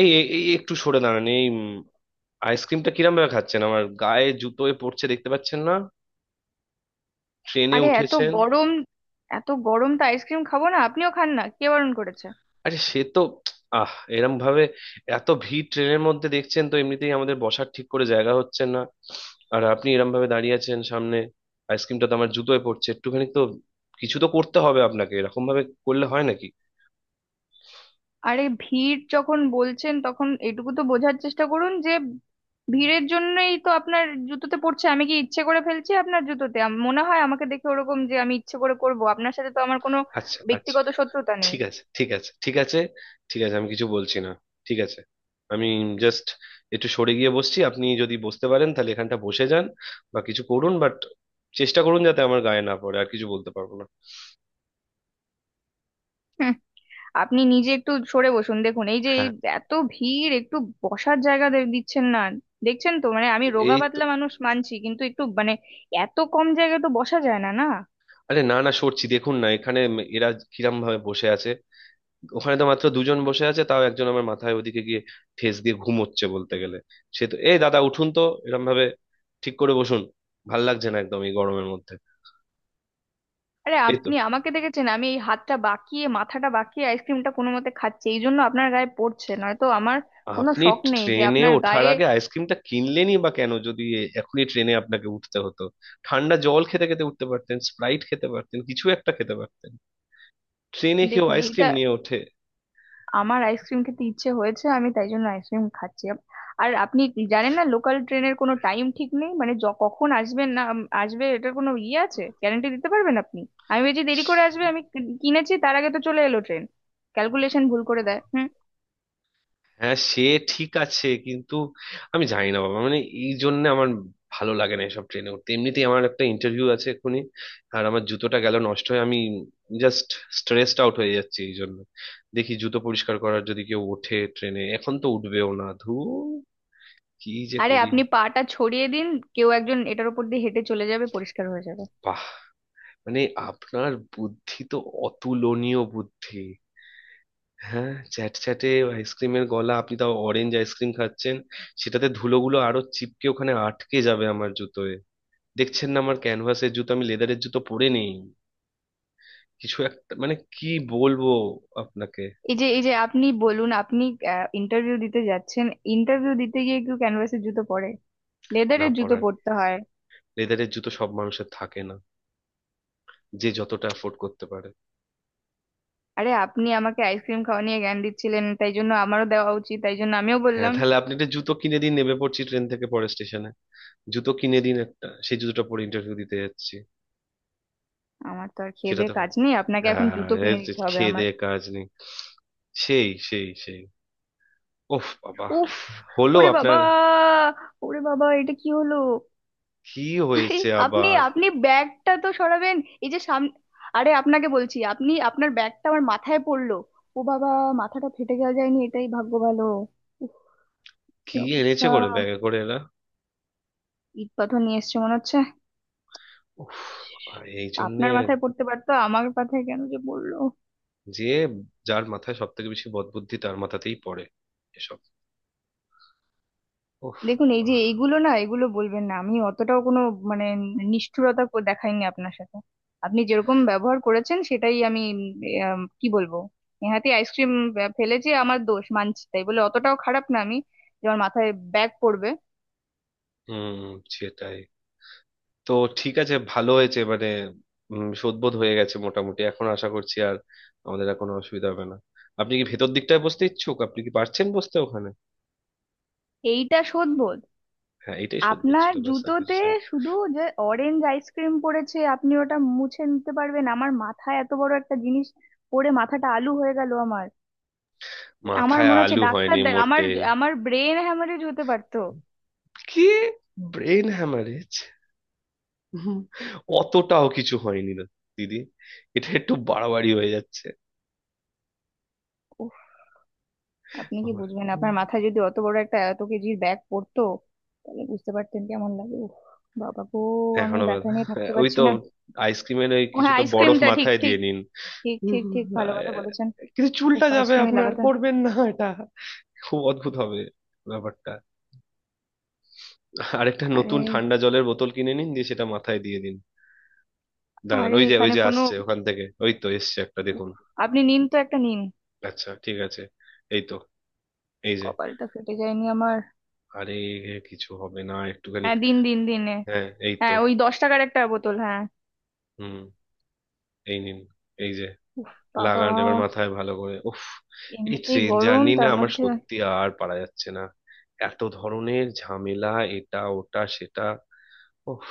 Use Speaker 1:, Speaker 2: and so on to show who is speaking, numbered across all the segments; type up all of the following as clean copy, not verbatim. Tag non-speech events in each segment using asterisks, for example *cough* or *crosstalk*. Speaker 1: এই এই এই একটু সরে দাঁড়ান! এই আইসক্রিমটা কিরম ভাবে খাচ্ছেন? আমার গায়ে, জুতোয় পড়ছে, দেখতে পাচ্ছেন না? ট্রেনে
Speaker 2: আরে এত
Speaker 1: উঠেছেন।
Speaker 2: গরম। এত গরম তো আইসক্রিম খাবো না। আপনিও খান না, কে বারণ করেছে?
Speaker 1: আরে সে তো আহ এরম ভাবে! এত ভিড় ট্রেনের মধ্যে, দেখছেন তো, এমনিতেই আমাদের বসার ঠিক করে জায়গা হচ্ছে না, আর আপনি এরম ভাবে দাঁড়িয়ে আছেন সামনে। আইসক্রিমটা তো আমার জুতোয় পড়ছে, একটুখানি তো কিছু তো করতে হবে আপনাকে, এরকম ভাবে করলে হয় নাকি?
Speaker 2: আরে ভিড় যখন বলছেন তখন এটুকু তো বোঝার চেষ্টা করুন যে ভিড়ের জন্যই তো আপনার জুতোতে পড়ছে। আমি কি ইচ্ছে করে ফেলছি আপনার জুতোতে? মনে হয় আমাকে দেখে ওরকম যে আমি ইচ্ছে করে করব? আপনার সাথে তো আমার কোনো
Speaker 1: আচ্ছা আচ্ছা,
Speaker 2: ব্যক্তিগত শত্রুতা নেই।
Speaker 1: ঠিক আছে ঠিক আছে ঠিক আছে, ঠিক আছে আমি কিছু বলছি না। ঠিক আছে, আমি জাস্ট একটু সরে গিয়ে বসছি, আপনি যদি বসতে পারেন তাহলে এখানটা বসে যান বা কিছু করুন, বাট চেষ্টা করুন যাতে আমার গায়ে না পড়ে, আর কিছু বলতে পারবো না।
Speaker 2: হুম, আপনি নিজে একটু সরে বসুন। দেখুন এই যে এই
Speaker 1: হ্যাঁ,
Speaker 2: এত ভিড়, একটু বসার জায়গা দিচ্ছেন না। দেখছেন তো, মানে আমি রোগা
Speaker 1: এই তো।
Speaker 2: পাতলা মানুষ মানছি, কিন্তু একটু মানে এত কম জায়গায় তো বসা যায় না, না?
Speaker 1: আরে না না, সরছি, দেখুন না এখানে এরা কিরম ভাবে বসে আছে! ওখানে তো মাত্র দুজন বসে আছে, তাও একজন আমার মাথায় ওদিকে গিয়ে ঠেস দিয়ে ঘুমোচ্ছে বলতে গেলে। সে তো, এই দাদা, উঠুন তো! এরম ভাবে ঠিক করে বসুন, ভাল লাগছে না একদম এই গরমের মধ্যে।
Speaker 2: আরে
Speaker 1: এই তো,
Speaker 2: আপনি আমাকে দেখেছেন, আমি এই হাতটা বাঁকিয়ে মাথাটা বাঁকিয়ে আইসক্রিমটা কোনো মতে খাচ্ছি, এই জন্য আপনার গায়ে পড়ছে, নয়তো আমার কোনো
Speaker 1: আপনি
Speaker 2: শখ নেই যে
Speaker 1: ট্রেনে
Speaker 2: আপনার
Speaker 1: ওঠার
Speaker 2: গায়ে।
Speaker 1: আগে আইসক্রিমটা কিনলেনই বা কেন, যদি এখনই ট্রেনে আপনাকে উঠতে হতো? ঠান্ডা জল খেতে খেতে উঠতে পারতেন, স্প্রাইট খেতে পারতেন, কিছু একটা খেতে পারতেন। ট্রেনে কেউ
Speaker 2: দেখুন এইটা,
Speaker 1: আইসক্রিম নিয়ে ওঠে?
Speaker 2: আমার আইসক্রিম খেতে ইচ্ছে হয়েছে, আমি তাই জন্য আইসক্রিম খাচ্ছি। আর আপনি কি জানেন না লোকাল ট্রেনের কোনো টাইম ঠিক নেই, মানে কখন আসবেন না আসবে এটার কোনো ইয়ে আছে? গ্যারান্টি দিতে পারবেন আপনি? আমি ভেবেছি দেরি করে আসবে, আমি কিনেছি, তার আগে তো চলে এলো ট্রেন। ক্যালকুলেশন ভুল করে দেয়। হুম।
Speaker 1: হ্যাঁ সে ঠিক আছে, কিন্তু আমি জানি না বাবা, মানে এই জন্য আমার ভালো লাগে না এসব ট্রেনে উঠতে, এমনিতেই আমার একটা ইন্টারভিউ আছে এক্ষুনি, আর আমার জুতোটা গেল নষ্ট হয়ে। আমি জাস্ট স্ট্রেসড আউট হয়ে যাচ্ছি এই জন্য। দেখি জুতো পরিষ্কার করার যদি কেউ ওঠে ট্রেনে, এখন তো উঠবেও না, ধু, কি যে
Speaker 2: আরে
Speaker 1: করি!
Speaker 2: আপনি পাটা ছড়িয়ে দিন, কেউ একজন এটার উপর দিয়ে হেঁটে চলে যাবে, পরিষ্কার হয়ে যাবে।
Speaker 1: বাহ, মানে আপনার বুদ্ধি তো অতুলনীয় বুদ্ধি! হ্যাঁ, চ্যাট চ্যাটে আইসক্রিমের গলা, আপনি তাও অরেঞ্জ আইসক্রিম খাচ্ছেন, সেটাতে ধুলোগুলো আরো চিপকে ওখানে আটকে যাবে আমার জুতোয়। দেখছেন না আমার ক্যানভাসের জুতো, আমি লেদারের জুতো পরে নেই, কিছু একটা মানে কি বলবো আপনাকে।
Speaker 2: এই যে আপনি বলুন, আপনি ইন্টারভিউ দিতে যাচ্ছেন। ইন্টারভিউ দিতে গিয়ে কেউ ক্যানভাসের জুতো পরে?
Speaker 1: না,
Speaker 2: লেদারের জুতো
Speaker 1: পরার
Speaker 2: পরতে হয়।
Speaker 1: লেদারের জুতো সব মানুষের থাকে না, যে যতটা অ্যাফোর্ড করতে পারে।
Speaker 2: আরে আপনি আমাকে আইসক্রিম খাওয়া নিয়ে জ্ঞান দিচ্ছিলেন, তাই জন্য আমারও দেওয়া উচিত, তাই জন্য আমিও
Speaker 1: হ্যাঁ,
Speaker 2: বললাম।
Speaker 1: তাহলে আপনি একটা জুতো কিনে দিন, নেমে পড়ছি ট্রেন থেকে পরের স্টেশনে, জুতো কিনে দিন একটা, সেই জুতোটা পরে ইন্টারভিউ দিতে যাচ্ছি।
Speaker 2: আমার তো আর খেয়ে
Speaker 1: সেটা
Speaker 2: দেয়ে
Speaker 1: তো,
Speaker 2: কাজ নেই, আপনাকে এখন
Speaker 1: হ্যাঁ
Speaker 2: জুতো
Speaker 1: এই
Speaker 2: কিনে
Speaker 1: যে,
Speaker 2: দিতে হবে
Speaker 1: খেয়ে
Speaker 2: আমার?
Speaker 1: দেয়ে কাজ নেই! সেই সেই সেই, ওফ বাবা!
Speaker 2: উফ।
Speaker 1: হলো
Speaker 2: ওরে
Speaker 1: আপনার?
Speaker 2: বাবা। ওরে বাবা, এটা কি হলো?
Speaker 1: কি
Speaker 2: আরে
Speaker 1: হয়েছে
Speaker 2: আপনি
Speaker 1: আবার?
Speaker 2: আপনি ব্যাগটা তো সরাবেন, এই যে সামনে। আরে আপনাকে বলছি, আপনি আপনার ব্যাগটা আমার মাথায় পড়লো। ও বাবা, মাথাটা ফেটে গেল। যায়নি, এটাই ভাগ্য ভালো। কি
Speaker 1: কি এনেছে
Speaker 2: অবস্থা,
Speaker 1: করে ব্যাগে করে এরা!
Speaker 2: ইট পাথর নিয়ে এসছে মনে হচ্ছে।
Speaker 1: উফ, এই জন্যে
Speaker 2: আপনার মাথায় পড়তে পারতো, আমার মাথায় কেন যে পড়লো।
Speaker 1: যে, যার মাথায় সব থেকে বেশি বদবুদ্ধি তার মাথাতেই পড়ে এসব। উফ।
Speaker 2: দেখুন এই যে
Speaker 1: আহ,
Speaker 2: এইগুলো না, এগুলো বলবেন না, আমি অতটাও কোনো মানে নিষ্ঠুরতা দেখাইনি আপনার সাথে। আপনি যেরকম ব্যবহার করেছেন সেটাই আমি। কি বলবো, নেহাতি আইসক্রিম ফেলেছি, আমার দোষ মানছি, তাই বলে অতটাও খারাপ না আমি, যে আমার মাথায় ব্যাগ পড়বে।
Speaker 1: হুম, সেটাই তো। ঠিক আছে, ভালো হয়েছে মানে, শোধবোধ হয়ে গেছে মোটামুটি, এখন আশা করছি আর আমাদের আর কোনো অসুবিধা হবে না। আপনি কি ভেতর দিকটায় বসতে ইচ্ছুক? আপনি কি পারছেন বসতে ওখানে?
Speaker 2: এইটা শোধবো?
Speaker 1: হ্যাঁ, এটাই শোধবোধ
Speaker 2: আপনার
Speaker 1: ছিল, ব্যাস আর কিছু
Speaker 2: জুতোতে
Speaker 1: চাই না।
Speaker 2: শুধু যে অরেঞ্জ আইসক্রিম পড়েছে, আপনি ওটা মুছে নিতে পারবেন। আমার মাথায় এত বড় একটা জিনিস পড়ে মাথাটা আলু হয়ে গেল আমার। আমার
Speaker 1: মাথায়
Speaker 2: মনে হচ্ছে
Speaker 1: আলু
Speaker 2: ডাক্তার
Speaker 1: হয়নি
Speaker 2: আমার
Speaker 1: মোটে।
Speaker 2: আমার ব্রেন হ্যামারেজ হতে পারতো।
Speaker 1: কি? Brain haemorrhage? অতটাও কিছু হয়নি না, দিদি, এটা একটু বাড়াবাড়ি হয়ে যাচ্ছে।
Speaker 2: উফ। আপনি কি
Speaker 1: আমার
Speaker 2: বুঝবেন? আপনার মাথায় যদি অত বড় একটা এত কেজির ব্যাগ পড়তো, তাহলে বুঝতে পারতেন কেমন লাগে। উফ বাবা গো, আমি
Speaker 1: এখনো
Speaker 2: ব্যথা নিয়ে থাকতে
Speaker 1: ওই
Speaker 2: পারছি
Speaker 1: তো
Speaker 2: না।
Speaker 1: আইসক্রিমের ওই
Speaker 2: ও হ্যাঁ,
Speaker 1: কিছুটা বরফ
Speaker 2: আইসক্রিমটা ঠিক
Speaker 1: মাথায় দিয়ে
Speaker 2: ঠিক
Speaker 1: নিন।
Speaker 2: ঠিক ঠিক ঠিক, ভালো কথা
Speaker 1: আহ,
Speaker 2: বলেছেন।
Speaker 1: কিন্তু চুলটা
Speaker 2: উফ,
Speaker 1: যাবে
Speaker 2: আইসক্রিমে
Speaker 1: আপনার,
Speaker 2: লাগাতে।
Speaker 1: করবেন না এটা, খুব অদ্ভুত হবে ব্যাপারটা। আরেকটা
Speaker 2: আরে
Speaker 1: নতুন ঠান্ডা জলের বোতল কিনে নিন, দিয়ে সেটা মাথায় দিয়ে দিন। দাঁড়ান,
Speaker 2: আরে,
Speaker 1: ওই যে ওই
Speaker 2: এখানে
Speaker 1: যে
Speaker 2: কোনো।
Speaker 1: আসছে ওখান থেকে, ওই তো এসছে একটা,
Speaker 2: উফ,
Speaker 1: দেখুন।
Speaker 2: আপনি নিন তো, একটা নিন।
Speaker 1: আচ্ছা ঠিক আছে, এই তো, এই যে।
Speaker 2: কপালটা ফেটে যায়নি আমার।
Speaker 1: আরে কিছু হবে না একটুখানি।
Speaker 2: হ্যাঁ দিন দিন দিনে।
Speaker 1: হ্যাঁ এই তো।
Speaker 2: হ্যাঁ ওই 10 টাকার একটা বোতল, হ্যাঁ।
Speaker 1: হুম, এই নিন, এই যে।
Speaker 2: উফ বাবা,
Speaker 1: লাগান এবার মাথায় ভালো করে। উফ, এই
Speaker 2: এমনিতেই
Speaker 1: ট্রেন
Speaker 2: গরম
Speaker 1: জার্নি না
Speaker 2: তার
Speaker 1: আমার,
Speaker 2: মধ্যে।
Speaker 1: সত্যি আর পারা যাচ্ছে না, এত ধরনের ঝামেলা, এটা ওটা সেটা, উফ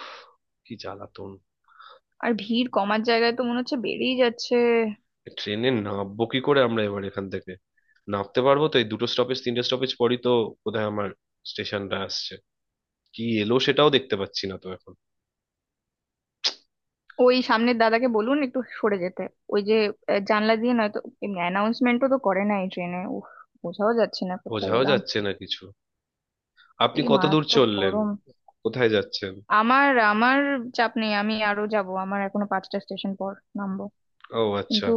Speaker 1: কি জ্বালাতন!
Speaker 2: আর ভিড় কমার জায়গায় তো মনে হচ্ছে বেড়েই যাচ্ছে।
Speaker 1: ট্রেনে নামবো কি করে আমরা এবার এখান থেকে? নামতে পারবো তো? এই দুটো স্টপেজ তিনটে স্টপেজ পরই তো বোধহয় আমার স্টেশনটা আসছে, কি এলো সেটাও দেখতে পাচ্ছি না তো এখন।
Speaker 2: ওই সামনের দাদাকে বলুন একটু সরে যেতে, ওই যে, জানলা দিয়ে নয়তো। এমনি অ্যানাউন্সমেন্টও তো করে না এই ট্রেনে, উফ। বোঝাও যাচ্ছে না কোথাও
Speaker 1: বোঝাও
Speaker 2: এলাম।
Speaker 1: যাচ্ছে না কিছু। আপনি
Speaker 2: কি
Speaker 1: কত দূর
Speaker 2: মারাত্মক
Speaker 1: চললেন?
Speaker 2: গরম।
Speaker 1: কোথায় যাচ্ছেন?
Speaker 2: আমার আমার চাপ নেই, আমি আরো যাব, আমার এখনো 5টা স্টেশন পর নামবো।
Speaker 1: ও আচ্ছা।
Speaker 2: কিন্তু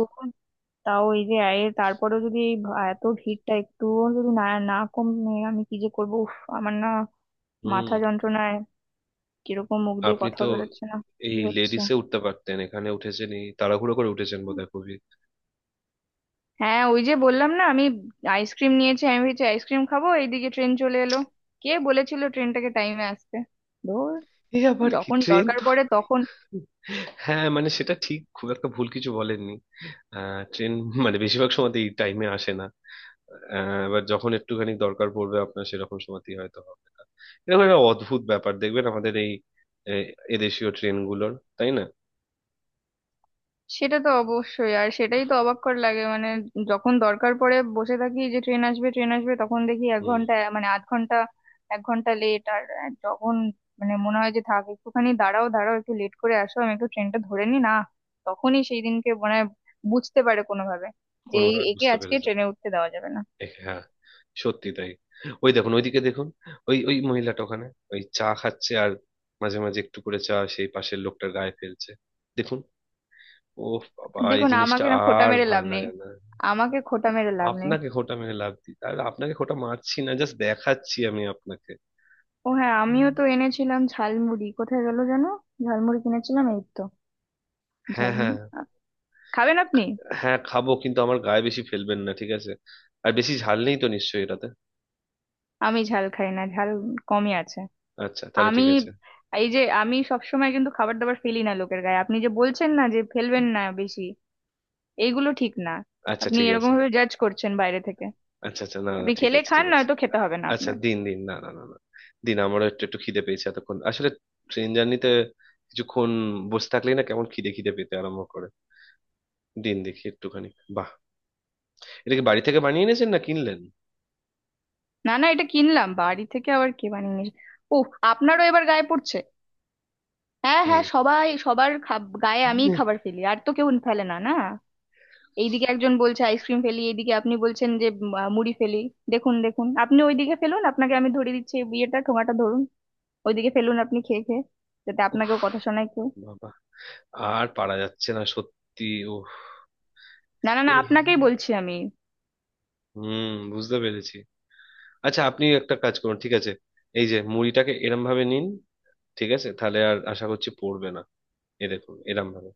Speaker 2: তাও এই যে, এর তারপরেও যদি এই এত ভিড়টা একটুও যদি না না কমে, আমি কি যে করবো, উফ। আমার না
Speaker 1: হুম।
Speaker 2: মাথা যন্ত্রণায় কিরকম মুখ দিয়ে
Speaker 1: আপনি
Speaker 2: কথা
Speaker 1: তো
Speaker 2: বেরোচ্ছে না, কি
Speaker 1: এই
Speaker 2: হচ্ছে।
Speaker 1: লেডিসে উঠতে পারতেন, এখানে উঠেছেন, এই তাড়াহুড়ো করে উঠেছেন বোধহয় খুবই।
Speaker 2: হ্যাঁ ওই যে বললাম না আমি, আইসক্রিম নিয়েছি, আমি ভেবেছি আইসক্রিম খাবো, এইদিকে ট্রেন চলে এলো। কে বলেছিল ট্রেনটাকে টাইমে আসতে, ধুর,
Speaker 1: এই আবার কি,
Speaker 2: যখন
Speaker 1: ট্রেন
Speaker 2: দরকার
Speaker 1: তো!
Speaker 2: পড়ে তখন।
Speaker 1: হ্যাঁ মানে সেটা ঠিক, খুব একটা ভুল কিছু বলেননি। ট্রেন মানে বেশিরভাগ সময় এই টাইমে আসে না, এবার যখন একটুখানি দরকার পড়বে আপনার, সেরকম সময়তেই হয়তো হবে না। এরকম একটা অদ্ভুত ব্যাপার দেখবেন আমাদের এই এ- এদেশীয় ট্রেনগুলোর, তাই না?
Speaker 2: সেটা তো অবশ্যই, আর সেটাই তো অবাককর লাগে মানে, যখন দরকার পড়ে বসে থাকি যে ট্রেন আসবে ট্রেন আসবে, তখন দেখি এক
Speaker 1: হুম।
Speaker 2: ঘন্টা মানে আধ ঘন্টা, 1 ঘন্টা লেট। আর যখন মানে মনে হয় যে থাক একটুখানি, দাঁড়াও দাঁড়াও একটু লেট করে আসো, আমি একটু ট্রেনটা ধরে নি না, তখনই সেই দিনকে মনে হয় বুঝতে পারে কোনোভাবে যে এই
Speaker 1: কোনোভাবে
Speaker 2: একে
Speaker 1: বুঝতে
Speaker 2: আজকে
Speaker 1: পেরেছেন?
Speaker 2: ট্রেনে উঠতে দেওয়া যাবে না।
Speaker 1: হ্যাঁ, সত্যি তাই। ওই দেখুন, ওইদিকে দেখুন, ওই ওই মহিলাটা ওখানে, ওই চা খাচ্ছে আর মাঝে মাঝে একটু করে চা সেই পাশের লোকটার গায়ে ফেলছে, দেখুন। ও বাবা, এই
Speaker 2: দেখুন
Speaker 1: জিনিসটা
Speaker 2: আমাকে না খোটা
Speaker 1: আর
Speaker 2: মেরে
Speaker 1: ভাল
Speaker 2: লাভ নেই,
Speaker 1: লাগে না!
Speaker 2: আমাকে খোটা মেরে লাভ নেই।
Speaker 1: আপনাকে খোঁটা মেরে লাভ দিই আর, আপনাকে খোঁটা মারছি না, জাস্ট দেখাচ্ছি আমি আপনাকে।
Speaker 2: ও হ্যাঁ,
Speaker 1: হুম।
Speaker 2: আমিও তো এনেছিলাম ঝালমুড়ি, কোথায় গেল জানো। ঝালমুড়ি কিনেছিলাম এই তো।
Speaker 1: হ্যাঁ
Speaker 2: ঝাল
Speaker 1: হ্যাঁ,
Speaker 2: খাবেন আপনি?
Speaker 1: হ্যাঁ খাবো কিন্তু আমার গায়ে বেশি ফেলবেন না, ঠিক আছে? আর বেশি ঝাল নেই তো নিশ্চয়ই এটাতে?
Speaker 2: আমি ঝাল খাই না, ঝাল কমই আছে।
Speaker 1: আচ্ছা তাহলে
Speaker 2: আমি
Speaker 1: ঠিক আছে।
Speaker 2: এই যে, আমি সবসময় কিন্তু খাবার দাবার ফেলি না লোকের গায়ে। আপনি যে বলছেন না যে ফেলবেন না বেশি, এইগুলো ঠিক না।
Speaker 1: আচ্ছা
Speaker 2: আপনি
Speaker 1: ঠিক
Speaker 2: এরকম
Speaker 1: আছে।
Speaker 2: ভাবে জাজ করছেন বাইরে থেকে।
Speaker 1: আচ্ছা আচ্ছা, না না,
Speaker 2: আপনি
Speaker 1: ঠিক
Speaker 2: খেলে
Speaker 1: আছে
Speaker 2: খান,
Speaker 1: ঠিক আছে।
Speaker 2: নয়তো খেতে হবে না
Speaker 1: আচ্ছা
Speaker 2: আপনার।
Speaker 1: দিন দিন, না না না না, দিন, আমারও একটু একটু খিদে পেয়েছে এতক্ষণ, আসলে ট্রেন জার্নিতে কিছুক্ষণ বসে থাকলেই না কেমন খিদে খিদে পেতে আরম্ভ করে। দিন দেখি একটুখানি। বাহ, এটা কি বাড়ি থেকে বানিয়ে এনেছেন না কিনলেন?
Speaker 2: না না, এটা কিনলাম, বাড়ি থেকে আবার কে বানিয়ে নিয়ে। ও, আপনারও এবার গায়ে পড়ছে। হ্যাঁ
Speaker 1: হুম।
Speaker 2: হ্যাঁ, সবাই সবার গায়ে, আমিই খাবার ফেলি, আর তো কেউ ফেলে না, না? এইদিকে একজন বলছে আইসক্রিম ফেলি, এইদিকে আপনি বলছেন যে মুড়ি ফেলি। দেখুন দেখুন, আপনি ওইদিকে ফেলুন, আপনাকে আমি ধরিয়ে দিচ্ছি, এই বিয়েটা ঠোঙাটা ধরুন, ওইদিকে ফেলুন আপনি খেয়ে খেয়ে, যাতে
Speaker 1: উফ
Speaker 2: আপনাকেও কথা শোনায় কেউ।
Speaker 1: বাবা, আর পারা যাচ্ছে না সত্যি। ও,
Speaker 2: না না না,
Speaker 1: এই
Speaker 2: আপনাকেই বলছি আমি।
Speaker 1: হুম, বুঝতে পেরেছি। আচ্ছা আপনি একটা কাজ করুন, ঠিক আছে, এই যে মুড়িটাকে এরম ভাবে নিন, ঠিক আছে, তাহলে আর আশা করছি পড়বে না। এ দেখুন এরম ভাবে।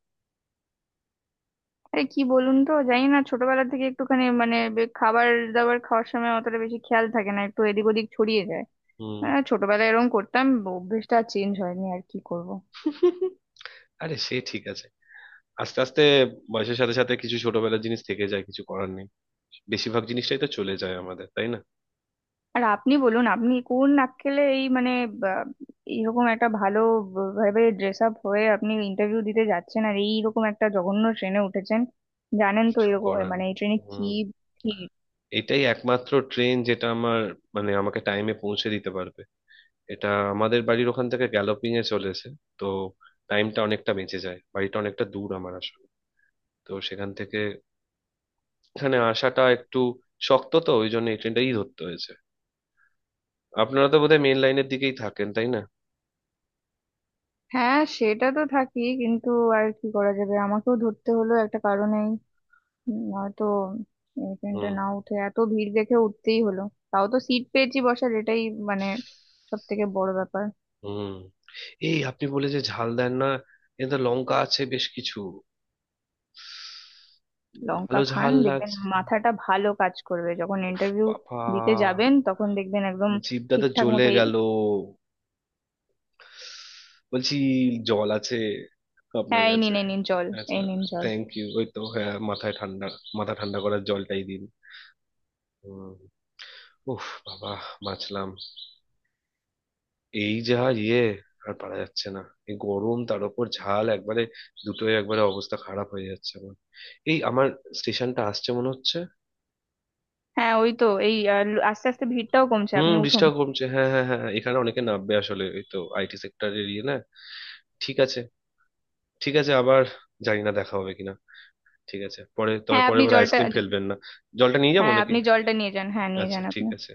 Speaker 2: আরে কি বলুন তো, জানি না, ছোটবেলা থেকে একটুখানি মানে খাবার দাবার খাওয়ার সময় অতটা বেশি খেয়াল থাকে না, একটু এদিক ওদিক ছড়িয়ে যায়।
Speaker 1: হুম।
Speaker 2: হ্যাঁ ছোটবেলায় এরকম করতাম, অভ্যেসটা চেঞ্জ হয়নি, আর কি করব।
Speaker 1: *laughs* আরে সে ঠিক আছে, আস্তে আস্তে বয়সের সাথে সাথে কিছু ছোটবেলার জিনিস থেকে যায়, কিছু করার নেই। বেশিরভাগ জিনিসটাই তো চলে যায় আমাদের, তাই না?
Speaker 2: আর আপনি বলুন, আপনি কোন নাক্কেলে এই মানে বা, এইরকম একটা ভালো ভাবে ড্রেস আপ হয়ে আপনি ইন্টারভিউ দিতে যাচ্ছেন, আর এইরকম একটা জঘন্য ট্রেনে উঠেছেন। জানেন তো
Speaker 1: কিছু
Speaker 2: এরকম
Speaker 1: করার
Speaker 2: মানে
Speaker 1: নেই।
Speaker 2: এই ট্রেনে কি
Speaker 1: হুম,
Speaker 2: ভিড়।
Speaker 1: এটাই একমাত্র ট্রেন যেটা আমার, মানে আমাকে টাইমে পৌঁছে দিতে পারবে। এটা আমাদের বাড়ির ওখান থেকে গ্যালোপিং এ চলেছে, তো টাইমটা অনেকটা বেঁচে যায়, বাড়িটা অনেকটা দূর আমার আসলে, তো সেখান থেকে এখানে আসাটা একটু শক্ত, তো ওই জন্য এই ট্রেনটাই ধরতে হয়েছে। আপনারা তো বোধহয় মেন লাইনের দিকেই থাকেন, তাই না?
Speaker 2: হ্যাঁ সেটা তো থাকি কিন্তু, আর কি করা যাবে, আমাকেও ধরতে হলো একটা কারণেই। নয়তো এই ট্রেনটা
Speaker 1: হুম।
Speaker 2: না উঠে এত ভিড় দেখে উঠতেই হলো। তাও তো সিট পেয়েছি বসার, এটাই মানে সব থেকে বড় ব্যাপার।
Speaker 1: হুম। এই আপনি বলে যে ঝাল দেন না, এতে লঙ্কা আছে বেশ কিছু। ভালো
Speaker 2: লঙ্কা খান,
Speaker 1: ঝাল
Speaker 2: দেখবেন
Speaker 1: লাগছে,
Speaker 2: মাথাটা ভালো কাজ করবে, যখন
Speaker 1: উফ
Speaker 2: ইন্টারভিউ
Speaker 1: বাবা,
Speaker 2: দিতে যাবেন তখন দেখবেন একদম
Speaker 1: জিভটা তো
Speaker 2: ঠিকঠাক
Speaker 1: জ্বলে
Speaker 2: মতো। এই,
Speaker 1: গেল! বলছি জল আছে আপনার
Speaker 2: হ্যাঁ এই
Speaker 1: কাছে?
Speaker 2: নিন এই নিন জল।
Speaker 1: আচ্ছা,
Speaker 2: এই নিন জল।
Speaker 1: Thank you. ওই তো, হ্যাঁ মাথায় ঠান্ডা, মাথা ঠান্ডা করার জলটাই দিন। হুম। উফ বাবা, বাঁচলাম! এই যা, ইয়ে, আর পারা যাচ্ছে না, এই গরম তার উপর ঝাল একবারে, দুটোই একবারে, অবস্থা খারাপ হয়ে যাচ্ছে আমার। এই আমার স্টেশনটা আসছে মনে হচ্ছে।
Speaker 2: হ্যাঁ ওই তো এই আস্তে আস্তে ভিড়টাও কমছে,
Speaker 1: হুম,
Speaker 2: আপনি উঠুন।
Speaker 1: বৃষ্টিটাও কমছে, হ্যাঁ হ্যাঁ হ্যাঁ হ্যাঁ, এখানে অনেকে নামবে আসলে, এই তো আইটি সেক্টরের ইয়ে না। ঠিক আছে, ঠিক আছে, আবার জানি না দেখা হবে কিনা, ঠিক আছে পরে, তবে
Speaker 2: হ্যাঁ আপনি
Speaker 1: পরের বার
Speaker 2: জলটা।
Speaker 1: আইসক্রিম ফেলবেন না। জলটা নিয়ে যাবো
Speaker 2: হ্যাঁ
Speaker 1: নাকি?
Speaker 2: আপনি জলটা নিয়ে যান, হ্যাঁ নিয়ে
Speaker 1: আচ্ছা
Speaker 2: যান
Speaker 1: ঠিক
Speaker 2: আপনি।
Speaker 1: আছে।